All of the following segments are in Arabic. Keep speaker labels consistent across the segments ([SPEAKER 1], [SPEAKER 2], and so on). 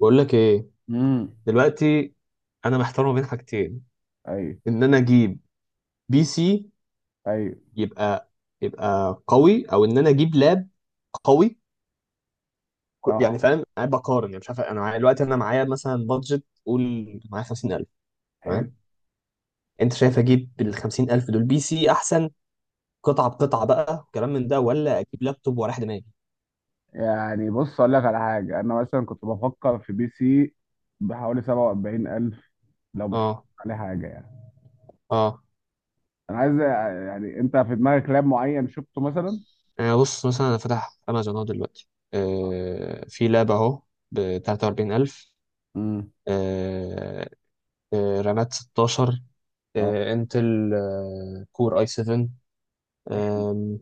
[SPEAKER 1] بقول لك ايه،
[SPEAKER 2] امم
[SPEAKER 1] دلوقتي انا محتار ما بين حاجتين.
[SPEAKER 2] ايوه،
[SPEAKER 1] ان انا اجيب بي سي
[SPEAKER 2] ايوه،
[SPEAKER 1] يبقى قوي، او ان انا اجيب لاب قوي. يعني
[SPEAKER 2] اه،
[SPEAKER 1] فاهم، قاعد بقارن. يعني مش عارف، انا معايا دلوقتي معايا مثلا بادجت، قول معايا 50000.
[SPEAKER 2] حلو.
[SPEAKER 1] تمام، انت شايف اجيب بال 50000 دول بي سي احسن قطعه بقطعه بقى وكلام من ده، ولا اجيب لابتوب واريح دماغي؟
[SPEAKER 2] يعني بص اقول لك على حاجه، انا مثلا كنت بفكر في بي سي بحوالي 47000، لو مش
[SPEAKER 1] اه.
[SPEAKER 2] عليه حاجه يعني.
[SPEAKER 1] اه.
[SPEAKER 2] انا عايز، يعني انت في دماغك لاب معين شفته مثلا؟
[SPEAKER 1] بص مثلا انا فاتح امازون اهو دلوقتي. في لاب اهو ب 43000.
[SPEAKER 2] امم
[SPEAKER 1] رامات 16،
[SPEAKER 2] اه،
[SPEAKER 1] انتل، كور اي 7، آم،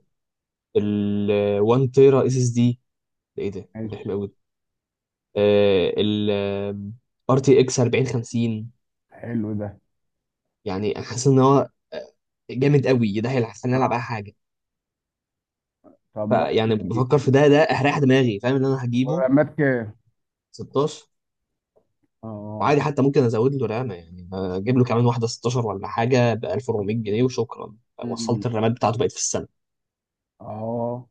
[SPEAKER 1] ال 1 تيرا اس اس دي. ده ايه ده ده
[SPEAKER 2] ماشي.
[SPEAKER 1] حلو قوي. ال ار تي اكس 4050.
[SPEAKER 2] حلو ده.
[SPEAKER 1] يعني حاسس ان هو جامد قوي، ده هيخليني العب اي
[SPEAKER 2] اه،
[SPEAKER 1] حاجه.
[SPEAKER 2] طب
[SPEAKER 1] فيعني بفكر في ده، ده هريح دماغي، فاهم ان انا هجيبه.
[SPEAKER 2] والرامات كام؟
[SPEAKER 1] 16.
[SPEAKER 2] اه،
[SPEAKER 1] وعادي، حتى ممكن ازود له رامه، يعني اجيب له كمان واحده 16 ولا حاجه ب 1400 جنيه وشكرا،
[SPEAKER 2] مم.
[SPEAKER 1] وصلت الرامات بتاعته بقت في السنه.
[SPEAKER 2] اه،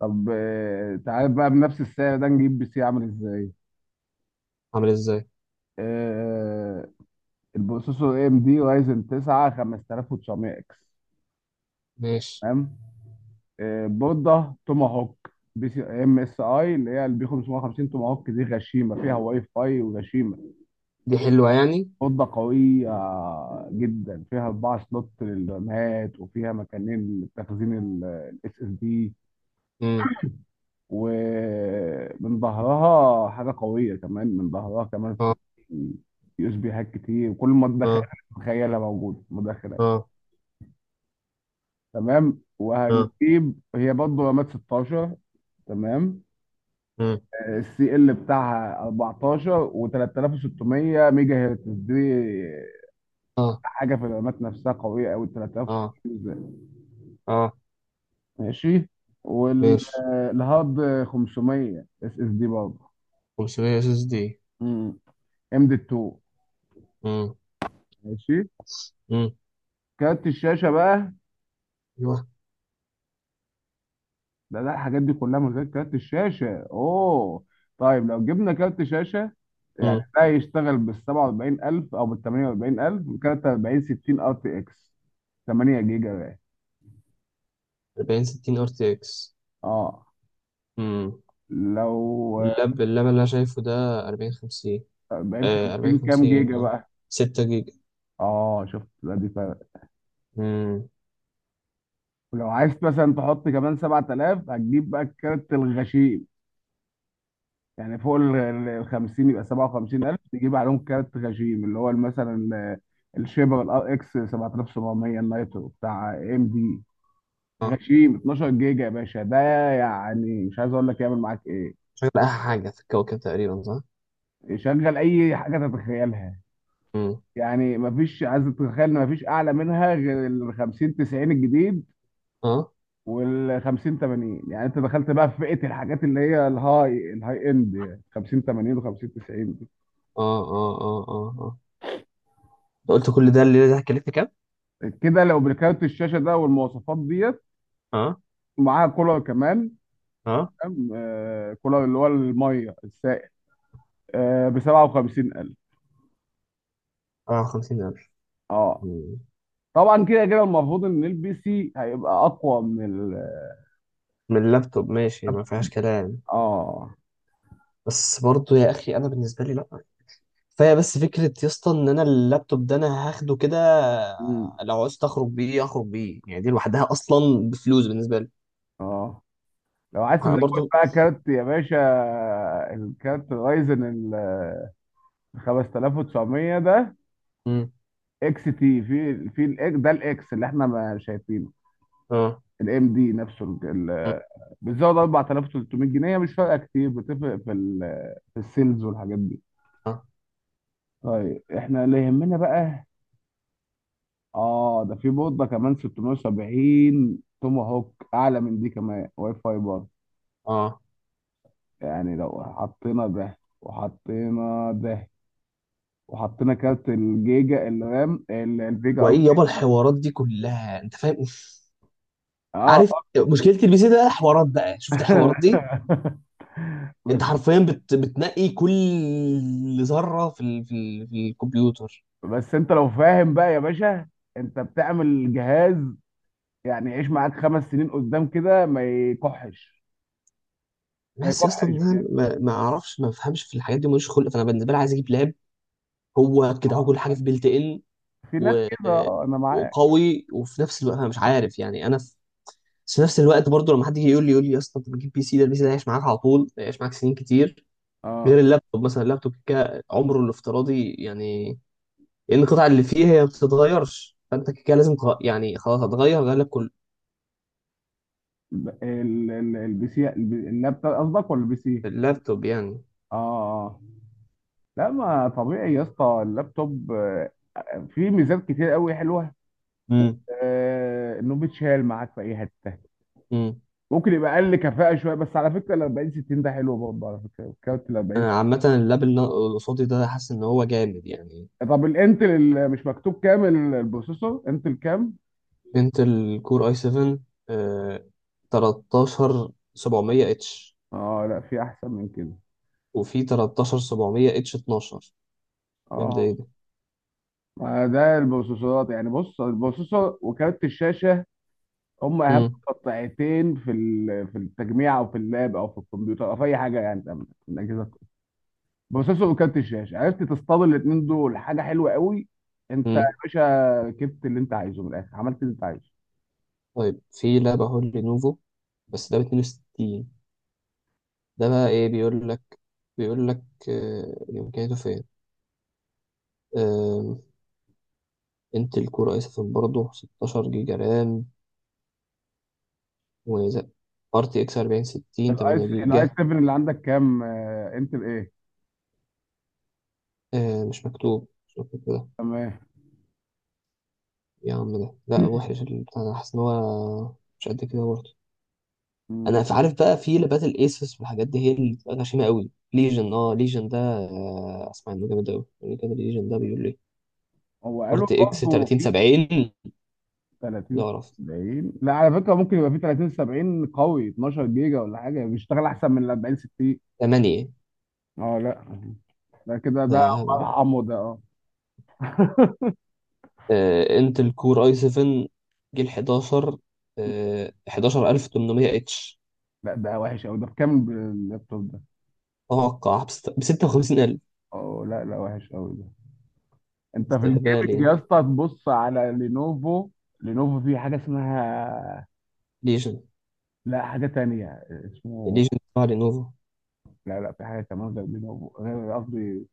[SPEAKER 2] طب، تعال بقى بنفس السعر ده نجيب بي سي عامل ازاي.
[SPEAKER 1] عامل ازاي؟
[SPEAKER 2] آه، البروسيسور اي ام دي رايزن 9 5900 اكس.
[SPEAKER 1] ماشي.
[SPEAKER 2] تمام. بوردة توما هوك بي سي ام اس اي اللي هي البي 550 توما هوك، دي غشيمه فيها واي فاي وغشيمه.
[SPEAKER 1] دي حلوه يعني.
[SPEAKER 2] بوردة قويه جدا، فيها اربعه سلوت للرامات وفيها مكانين لتخزين الاس اس دي.
[SPEAKER 1] امم.
[SPEAKER 2] ومن ظهرها حاجه قويه، كمان من ظهرها كمان في
[SPEAKER 1] اه.
[SPEAKER 2] يو اس بي هاك كتير وكل ما
[SPEAKER 1] اه.
[SPEAKER 2] تتخيلها موجود مدخلات.
[SPEAKER 1] اه.
[SPEAKER 2] تمام،
[SPEAKER 1] اه.
[SPEAKER 2] وهنجيب هي برضه رامات 16. تمام.
[SPEAKER 1] امم.
[SPEAKER 2] السي ال بتاعها 14 و3600 ميجا هرتز، دي
[SPEAKER 1] اه.
[SPEAKER 2] حاجه في الرامات نفسها قويه قوي 3600
[SPEAKER 1] اه.
[SPEAKER 2] بالذات.
[SPEAKER 1] اه.
[SPEAKER 2] ماشي.
[SPEAKER 1] ماشي.
[SPEAKER 2] والهارد 500 اس اس دي برضه،
[SPEAKER 1] 500 اس اس دي.
[SPEAKER 2] ام دي 2.
[SPEAKER 1] امم.
[SPEAKER 2] ماشي.
[SPEAKER 1] امم.
[SPEAKER 2] كارت الشاشه بقى.
[SPEAKER 1] ايوه.
[SPEAKER 2] لا، لا، الحاجات دي كلها من غير كارت الشاشة، اوه. طيب لو جبنا كارت شاشة، يعني
[SPEAKER 1] امم.
[SPEAKER 2] ده يشتغل بال 47000 او بال 48000 كارت 4060 ار تي اكس 8 جيجا بقى.
[SPEAKER 1] 40 60 ار تي اكس.
[SPEAKER 2] اه،
[SPEAKER 1] امم.
[SPEAKER 2] لو
[SPEAKER 1] اللاب اللي انا شايفه ده 40 50.
[SPEAKER 2] 40 50
[SPEAKER 1] 40
[SPEAKER 2] كام
[SPEAKER 1] 50،
[SPEAKER 2] جيجا
[SPEAKER 1] اه،
[SPEAKER 2] بقى؟
[SPEAKER 1] 6 جيجا.
[SPEAKER 2] اه، شفت بقى دي فرق.
[SPEAKER 1] امم.
[SPEAKER 2] ولو عايز مثلا تحط كمان 7000 هتجيب بقى الكارت الغشيم، يعني فوق 50 يبقى 57000، تجيب عليهم كارت غشيم اللي هو مثلا، الشيبر الار اكس 7700 النايترو بتاع ام دي.
[SPEAKER 1] اه،
[SPEAKER 2] غشيم 12 جيجا يا باشا ده. يعني مش عايز اقول لك يعمل معاك ايه.
[SPEAKER 1] شغل احلى حاجه في الكوكب تقريبا، صح؟
[SPEAKER 2] شغل اي حاجه تتخيلها.
[SPEAKER 1] امم.
[SPEAKER 2] يعني مفيش، عايز تتخيل ان مفيش اعلى منها غير ال 50 90 الجديد
[SPEAKER 1] اه.
[SPEAKER 2] وال 50 80، يعني انت دخلت بقى في فئه الحاجات اللي هي الهاي الهاي اند، يعني 50 80 و 50 90 دي.
[SPEAKER 1] اه. اه. اه. اه. اه، أنت قلت كل ده اللي ده، هكلفني كام؟
[SPEAKER 2] كده لو بالكارت الشاشه ده والمواصفات ديت،
[SPEAKER 1] اه.
[SPEAKER 2] معاها كولر كمان.
[SPEAKER 1] اه.
[SPEAKER 2] تمام، آه كولر اللي هو الميه السائل، آه ب 57000.
[SPEAKER 1] اه. 50000.
[SPEAKER 2] اه.
[SPEAKER 1] امم.
[SPEAKER 2] طبعا كده كده المفروض ان البي سي هيبقى اقوى من ال.
[SPEAKER 1] من اللابتوب، ماشي ما فيهاش كلام.
[SPEAKER 2] اه.
[SPEAKER 1] بس برضه يا اخي انا بالنسبه لي لا، كفايه بس فكره يا اسطى ان انا اللابتوب ده هاخده كده.
[SPEAKER 2] امم
[SPEAKER 1] لو عايز اخرج بيه اخرج بيه، يعني دي لوحدها اصلا بفلوس بالنسبه لي.
[SPEAKER 2] اه، لو عايز
[SPEAKER 1] انا
[SPEAKER 2] تزود
[SPEAKER 1] برضه.
[SPEAKER 2] بقى كارت يا باشا، الكارت رايزن ال 5900 ده
[SPEAKER 1] امم.
[SPEAKER 2] اكس تي في في ده الاكس اللي احنا ما شايفينه
[SPEAKER 1] اه.
[SPEAKER 2] الام دي نفسه بتزود 4300 جنيه، مش فارقه كتير، بتفرق في في السيلز والحاجات دي.
[SPEAKER 1] اه.
[SPEAKER 2] طيب احنا اللي يهمنا بقى. اه، ده في بوضه كمان 670 توما هوك اعلى من دي، كمان واي فاي برضه.
[SPEAKER 1] اه.
[SPEAKER 2] يعني لو حطينا ده وحطينا ده وحطينا كارت الجيجا الرام الفيجا
[SPEAKER 1] وايه
[SPEAKER 2] قصدي.
[SPEAKER 1] يابا الحوارات دي كلها انت فاهم؟
[SPEAKER 2] اه.
[SPEAKER 1] عارف مشكله البي سي ده؟ حوارات بقى، شفت الحوارات دي؟ انت
[SPEAKER 2] بس،
[SPEAKER 1] حرفيا بتنقي كل ذره في الكمبيوتر.
[SPEAKER 2] بس انت لو فاهم بقى يا باشا، انت بتعمل جهاز يعني يعيش معاك خمس سنين قدام، كده ما يكحش. ما
[SPEAKER 1] بس يا اسطى،
[SPEAKER 2] يكحش
[SPEAKER 1] إن انا
[SPEAKER 2] بجد.
[SPEAKER 1] ما اعرفش ما افهمش في الحاجات دي، ماليش خلق، فانا بالنسبه لي عايز اجيب لاب. هو كده، هو
[SPEAKER 2] آه،
[SPEAKER 1] كل حاجه في بيلت ان
[SPEAKER 2] في ناس
[SPEAKER 1] و...
[SPEAKER 2] كده، انا معاك.
[SPEAKER 1] وقوي، وفي نفس الوقت انا مش عارف، يعني انا في. بس في نفس الوقت برضو لما حد يجي يقول لي يا اسطى انت بتجيب بي سي ده، البي سي ده هيعيش معاك على طول، هيعيش معاك سنين كتير. غير
[SPEAKER 2] اه
[SPEAKER 1] اللابتوب مثلا، اللابتوب كده عمره الافتراضي يعني، لان القطع اللي فيه هي ما بتتغيرش، فانت كده لازم يعني خلاص هتغير، غير لك كل
[SPEAKER 2] ال- البي سي اللابتوب قصدك ولا البي سي؟
[SPEAKER 1] اللابتوب يعني.
[SPEAKER 2] اه. اه. لا، ما طبيعي يا اسطى اللابتوب، فيه ميزات كتير قوي حلوه.
[SPEAKER 1] امم.
[SPEAKER 2] آه انه بيتشال معاك في اي حته.
[SPEAKER 1] امم.
[SPEAKER 2] ممكن يبقى اقل كفاءه شويه، بس على فكره ال 40 60 ده حلو برضه، على فكره كارت ال 40
[SPEAKER 1] انا
[SPEAKER 2] 60.
[SPEAKER 1] عامه اللاب اللي قصادي ده حاسس ان هو جامد يعني.
[SPEAKER 2] طب الانتل اللي مش مكتوب كام البروسيسور انتل كام؟
[SPEAKER 1] انتل كور اي 7، آه 13 700 اتش.
[SPEAKER 2] اه، لا في احسن من كده.
[SPEAKER 1] وفي 13 700 اتش 12. كام ده؟ ايه
[SPEAKER 2] اه،
[SPEAKER 1] ده؟
[SPEAKER 2] ما ده البروسيسورات، يعني بص البروسيسور وكارت الشاشه هم اهم
[SPEAKER 1] امم.
[SPEAKER 2] قطعتين في في التجميع او في اللاب او في الكمبيوتر او في اي حاجه، يعني تمام في الاجهزه. بروسيسور وكارت الشاشه، عرفت تصطاد الاثنين دول حاجه حلوه قوي. انت يا
[SPEAKER 1] امم.
[SPEAKER 2] باشا ركبت اللي انت عايزه من الاخر، عملت اللي انت عايزه.
[SPEAKER 1] طيب في لعبه، هو لينوفو بس ده ب 62. ده بقى ايه؟ بيقول لك، امكانياته فين؟ آه انتل كور اي 7 برضه، 16 جيجا رام وزق، ار تي اكس 40 60،
[SPEAKER 2] الاي
[SPEAKER 1] 8
[SPEAKER 2] الاي
[SPEAKER 1] جيجا.
[SPEAKER 2] 7 اللي عندك كام؟ انتل ايه؟
[SPEAKER 1] مش مكتوب، مش مكتوب كده.
[SPEAKER 2] تمام.
[SPEAKER 1] يا عم ده لا وحش البتاع ده، حاسس ان هو مش قد كده برضه.
[SPEAKER 2] مم.
[SPEAKER 1] عارف بقى في لبات الايسوس والحاجات دي هي اللي بتبقى غشيمه قوي. ليجن، اه ليجن ده اسمع انه جامد قوي يعني كده. ليجن ده بيقول لي
[SPEAKER 2] هو قالوا
[SPEAKER 1] ارت اكس
[SPEAKER 2] برضه
[SPEAKER 1] 30
[SPEAKER 2] في
[SPEAKER 1] 70. ده
[SPEAKER 2] 30
[SPEAKER 1] اعرف.
[SPEAKER 2] 70. لا على فكره، ممكن يبقى في 30 70 قوي 12 جيجا ولا حاجه بيشتغل احسن من ال 40 60.
[SPEAKER 1] 8،
[SPEAKER 2] اه لا، ده كده
[SPEAKER 1] ده
[SPEAKER 2] ده،
[SPEAKER 1] هبل.
[SPEAKER 2] مرحمه ده. اه.
[SPEAKER 1] انتل كور اي 7، جيل 11. 11800 اتش.
[SPEAKER 2] لا ده وحش قوي، ده بكام اللابتوب ده؟
[SPEAKER 1] اتوقع ب 56000.
[SPEAKER 2] اه لا، لا وحش قوي ده. انت في
[SPEAKER 1] استهبال
[SPEAKER 2] الجيمنج
[SPEAKER 1] يعني.
[SPEAKER 2] يا اسطى تبص على لينوفو. لينوفو في حاجه اسمها،
[SPEAKER 1] ليجن.
[SPEAKER 2] لا حاجه تانية اسمه،
[SPEAKER 1] ليجن تبع لينوفو.
[SPEAKER 2] لا لا في حاجه كمان غير لينوفو، غير قصدي.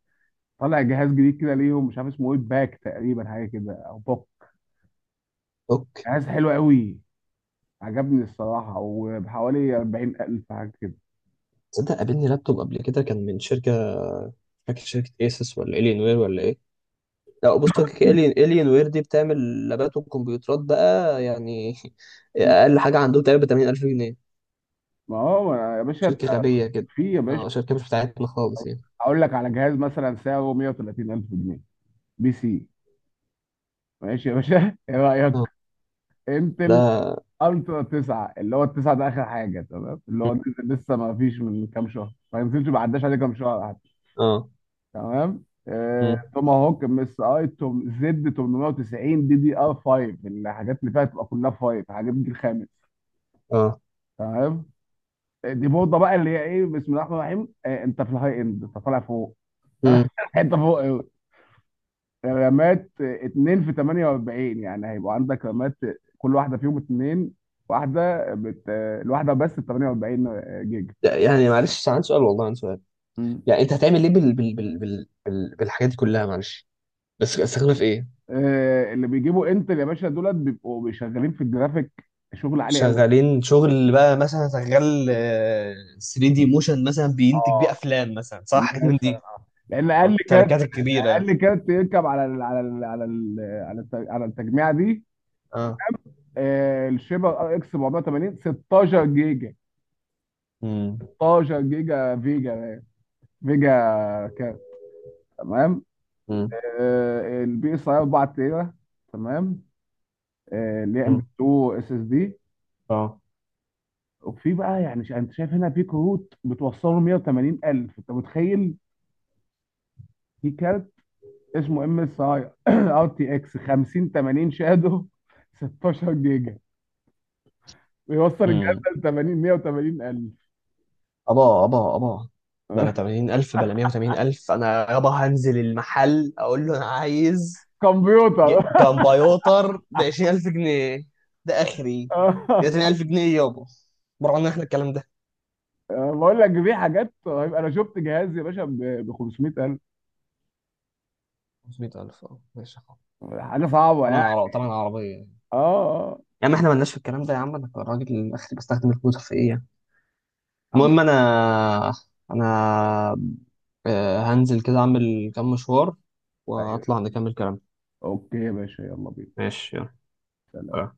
[SPEAKER 2] طالع جهاز جديد كده ليهم، مش عارف اسمه ايه، باك تقريبا حاجه كده او بوك.
[SPEAKER 1] اوك.
[SPEAKER 2] جهاز حلو قوي، عجبني الصراحه، وبحوالي 40000 حاجه كده.
[SPEAKER 1] تصدق قابلني لابتوب قبل كده كان من شركه، مش فاكر شركه، ايسوس ولا الين وير ولا ايه؟ لا بص، الين وير دي بتعمل لابات وكمبيوترات بقى يعني.
[SPEAKER 2] مم.
[SPEAKER 1] اقل حاجه عندهم تقريبا ب 80000 جنيه.
[SPEAKER 2] ما هو يا باشا،
[SPEAKER 1] شركه غبيه كده.
[SPEAKER 2] في يا باشا،
[SPEAKER 1] اه، شركه مش بتاعتنا خالص يعني.
[SPEAKER 2] اقول لك على جهاز مثلا سعره 130000 جنيه، بي سي. ماشي يا باشا ايه رايك؟
[SPEAKER 1] اه.
[SPEAKER 2] انتل
[SPEAKER 1] ده.
[SPEAKER 2] الترا 9 اللي هو التسعه ده اخر حاجه، تمام، اللي هو نزل لسه، ما فيش من كام شهر، ما نزلش، ما عداش عليه كام شهر حتى.
[SPEAKER 1] اه.
[SPEAKER 2] تمام،
[SPEAKER 1] مم.
[SPEAKER 2] توما هوك ام اس اي توم زد 890 دي دي ار 5، الحاجات اللي فيها تبقى كلها 5، حاجات الجيل الخامس.
[SPEAKER 1] اه.
[SPEAKER 2] تمام. دي بوضه بقى اللي هي ايه، بسم الله الرحمن الرحيم، انت في الهاي اند، انت طالع فوق،
[SPEAKER 1] مم.
[SPEAKER 2] حته فوق. رمات اتنين في 48، يعني هيبقى عندك رمات كل واحدة فيهم اتنين، واحدة الواحدة بس ب 48 جيجا.
[SPEAKER 1] لا، يعني معلش عندي سؤال، والله عندي سؤال.
[SPEAKER 2] مم.
[SPEAKER 1] يعني انت هتعمل ايه بالحاجات دي كلها؟ معلش، بس استخدمها في ايه؟
[SPEAKER 2] اللي بيجيبوا انتل يا باشا دولت بيبقوا بيشغلين في الجرافيك، شغل عالي قوي.
[SPEAKER 1] شغالين شغل بقى، مثلا شغال 3 دي موشن مثلا، بينتج بيه
[SPEAKER 2] اه،
[SPEAKER 1] افلام مثلا، صح؟ حاجات من دي.
[SPEAKER 2] مثلا، لان
[SPEAKER 1] اه،
[SPEAKER 2] اقل كارت،
[SPEAKER 1] الشركات الكبيره يعني.
[SPEAKER 2] اقل كارت يركب على على التجميعه دي،
[SPEAKER 1] اه.
[SPEAKER 2] الشيبر ار اكس 480 16 جيجا.
[SPEAKER 1] مم.
[SPEAKER 2] 16 جيجا فيجا. فيجا. كارت. تمام.
[SPEAKER 1] امم.
[SPEAKER 2] البي اس اي 4 تيرا. تمام. اللي هي ام
[SPEAKER 1] امم.
[SPEAKER 2] 2 اس اس دي.
[SPEAKER 1] اه.
[SPEAKER 2] وفي بقى يعني انت شايف هنا في كروت بتوصله 180000، انت متخيل؟ في كارت اسمه ام اس اي ار تي اكس 50 80 شادو 16 جيجا، بيوصل
[SPEAKER 1] امم.
[SPEAKER 2] الجهاز ل 80 180000.
[SPEAKER 1] ابا ابا ابا، بلا 80000 بلا 180000. انا يابا هنزل المحل اقول له انا عايز
[SPEAKER 2] كمبيوتر.
[SPEAKER 1] كمبيوتر ب 20000 جنيه. ده اخري، ده 20000 جنيه يابا. بره عنا احنا الكلام ده.
[SPEAKER 2] بقول لك دي حاجات رهيبة. انا شفت جهاز يا باشا ب 500000.
[SPEAKER 1] 500000؟ اه ماشي خلاص،
[SPEAKER 2] حاجه صعبه
[SPEAKER 1] طبعا
[SPEAKER 2] يعني.
[SPEAKER 1] عربية، طبعا عربية يعني.
[SPEAKER 2] اه. اه.
[SPEAKER 1] يا عم احنا مالناش في الكلام ده، يا عم انا الراجل الاخري بستخدم الكمبيوتر في ايه يعني.
[SPEAKER 2] عم-
[SPEAKER 1] المهم، انا هنزل كده اعمل كام مشوار
[SPEAKER 2] ايوه.
[SPEAKER 1] واطلع نكمل كلام.
[SPEAKER 2] اوكي يا باشا، يلا بينا.
[SPEAKER 1] ماشي، يلا.
[SPEAKER 2] سلام.
[SPEAKER 1] اه.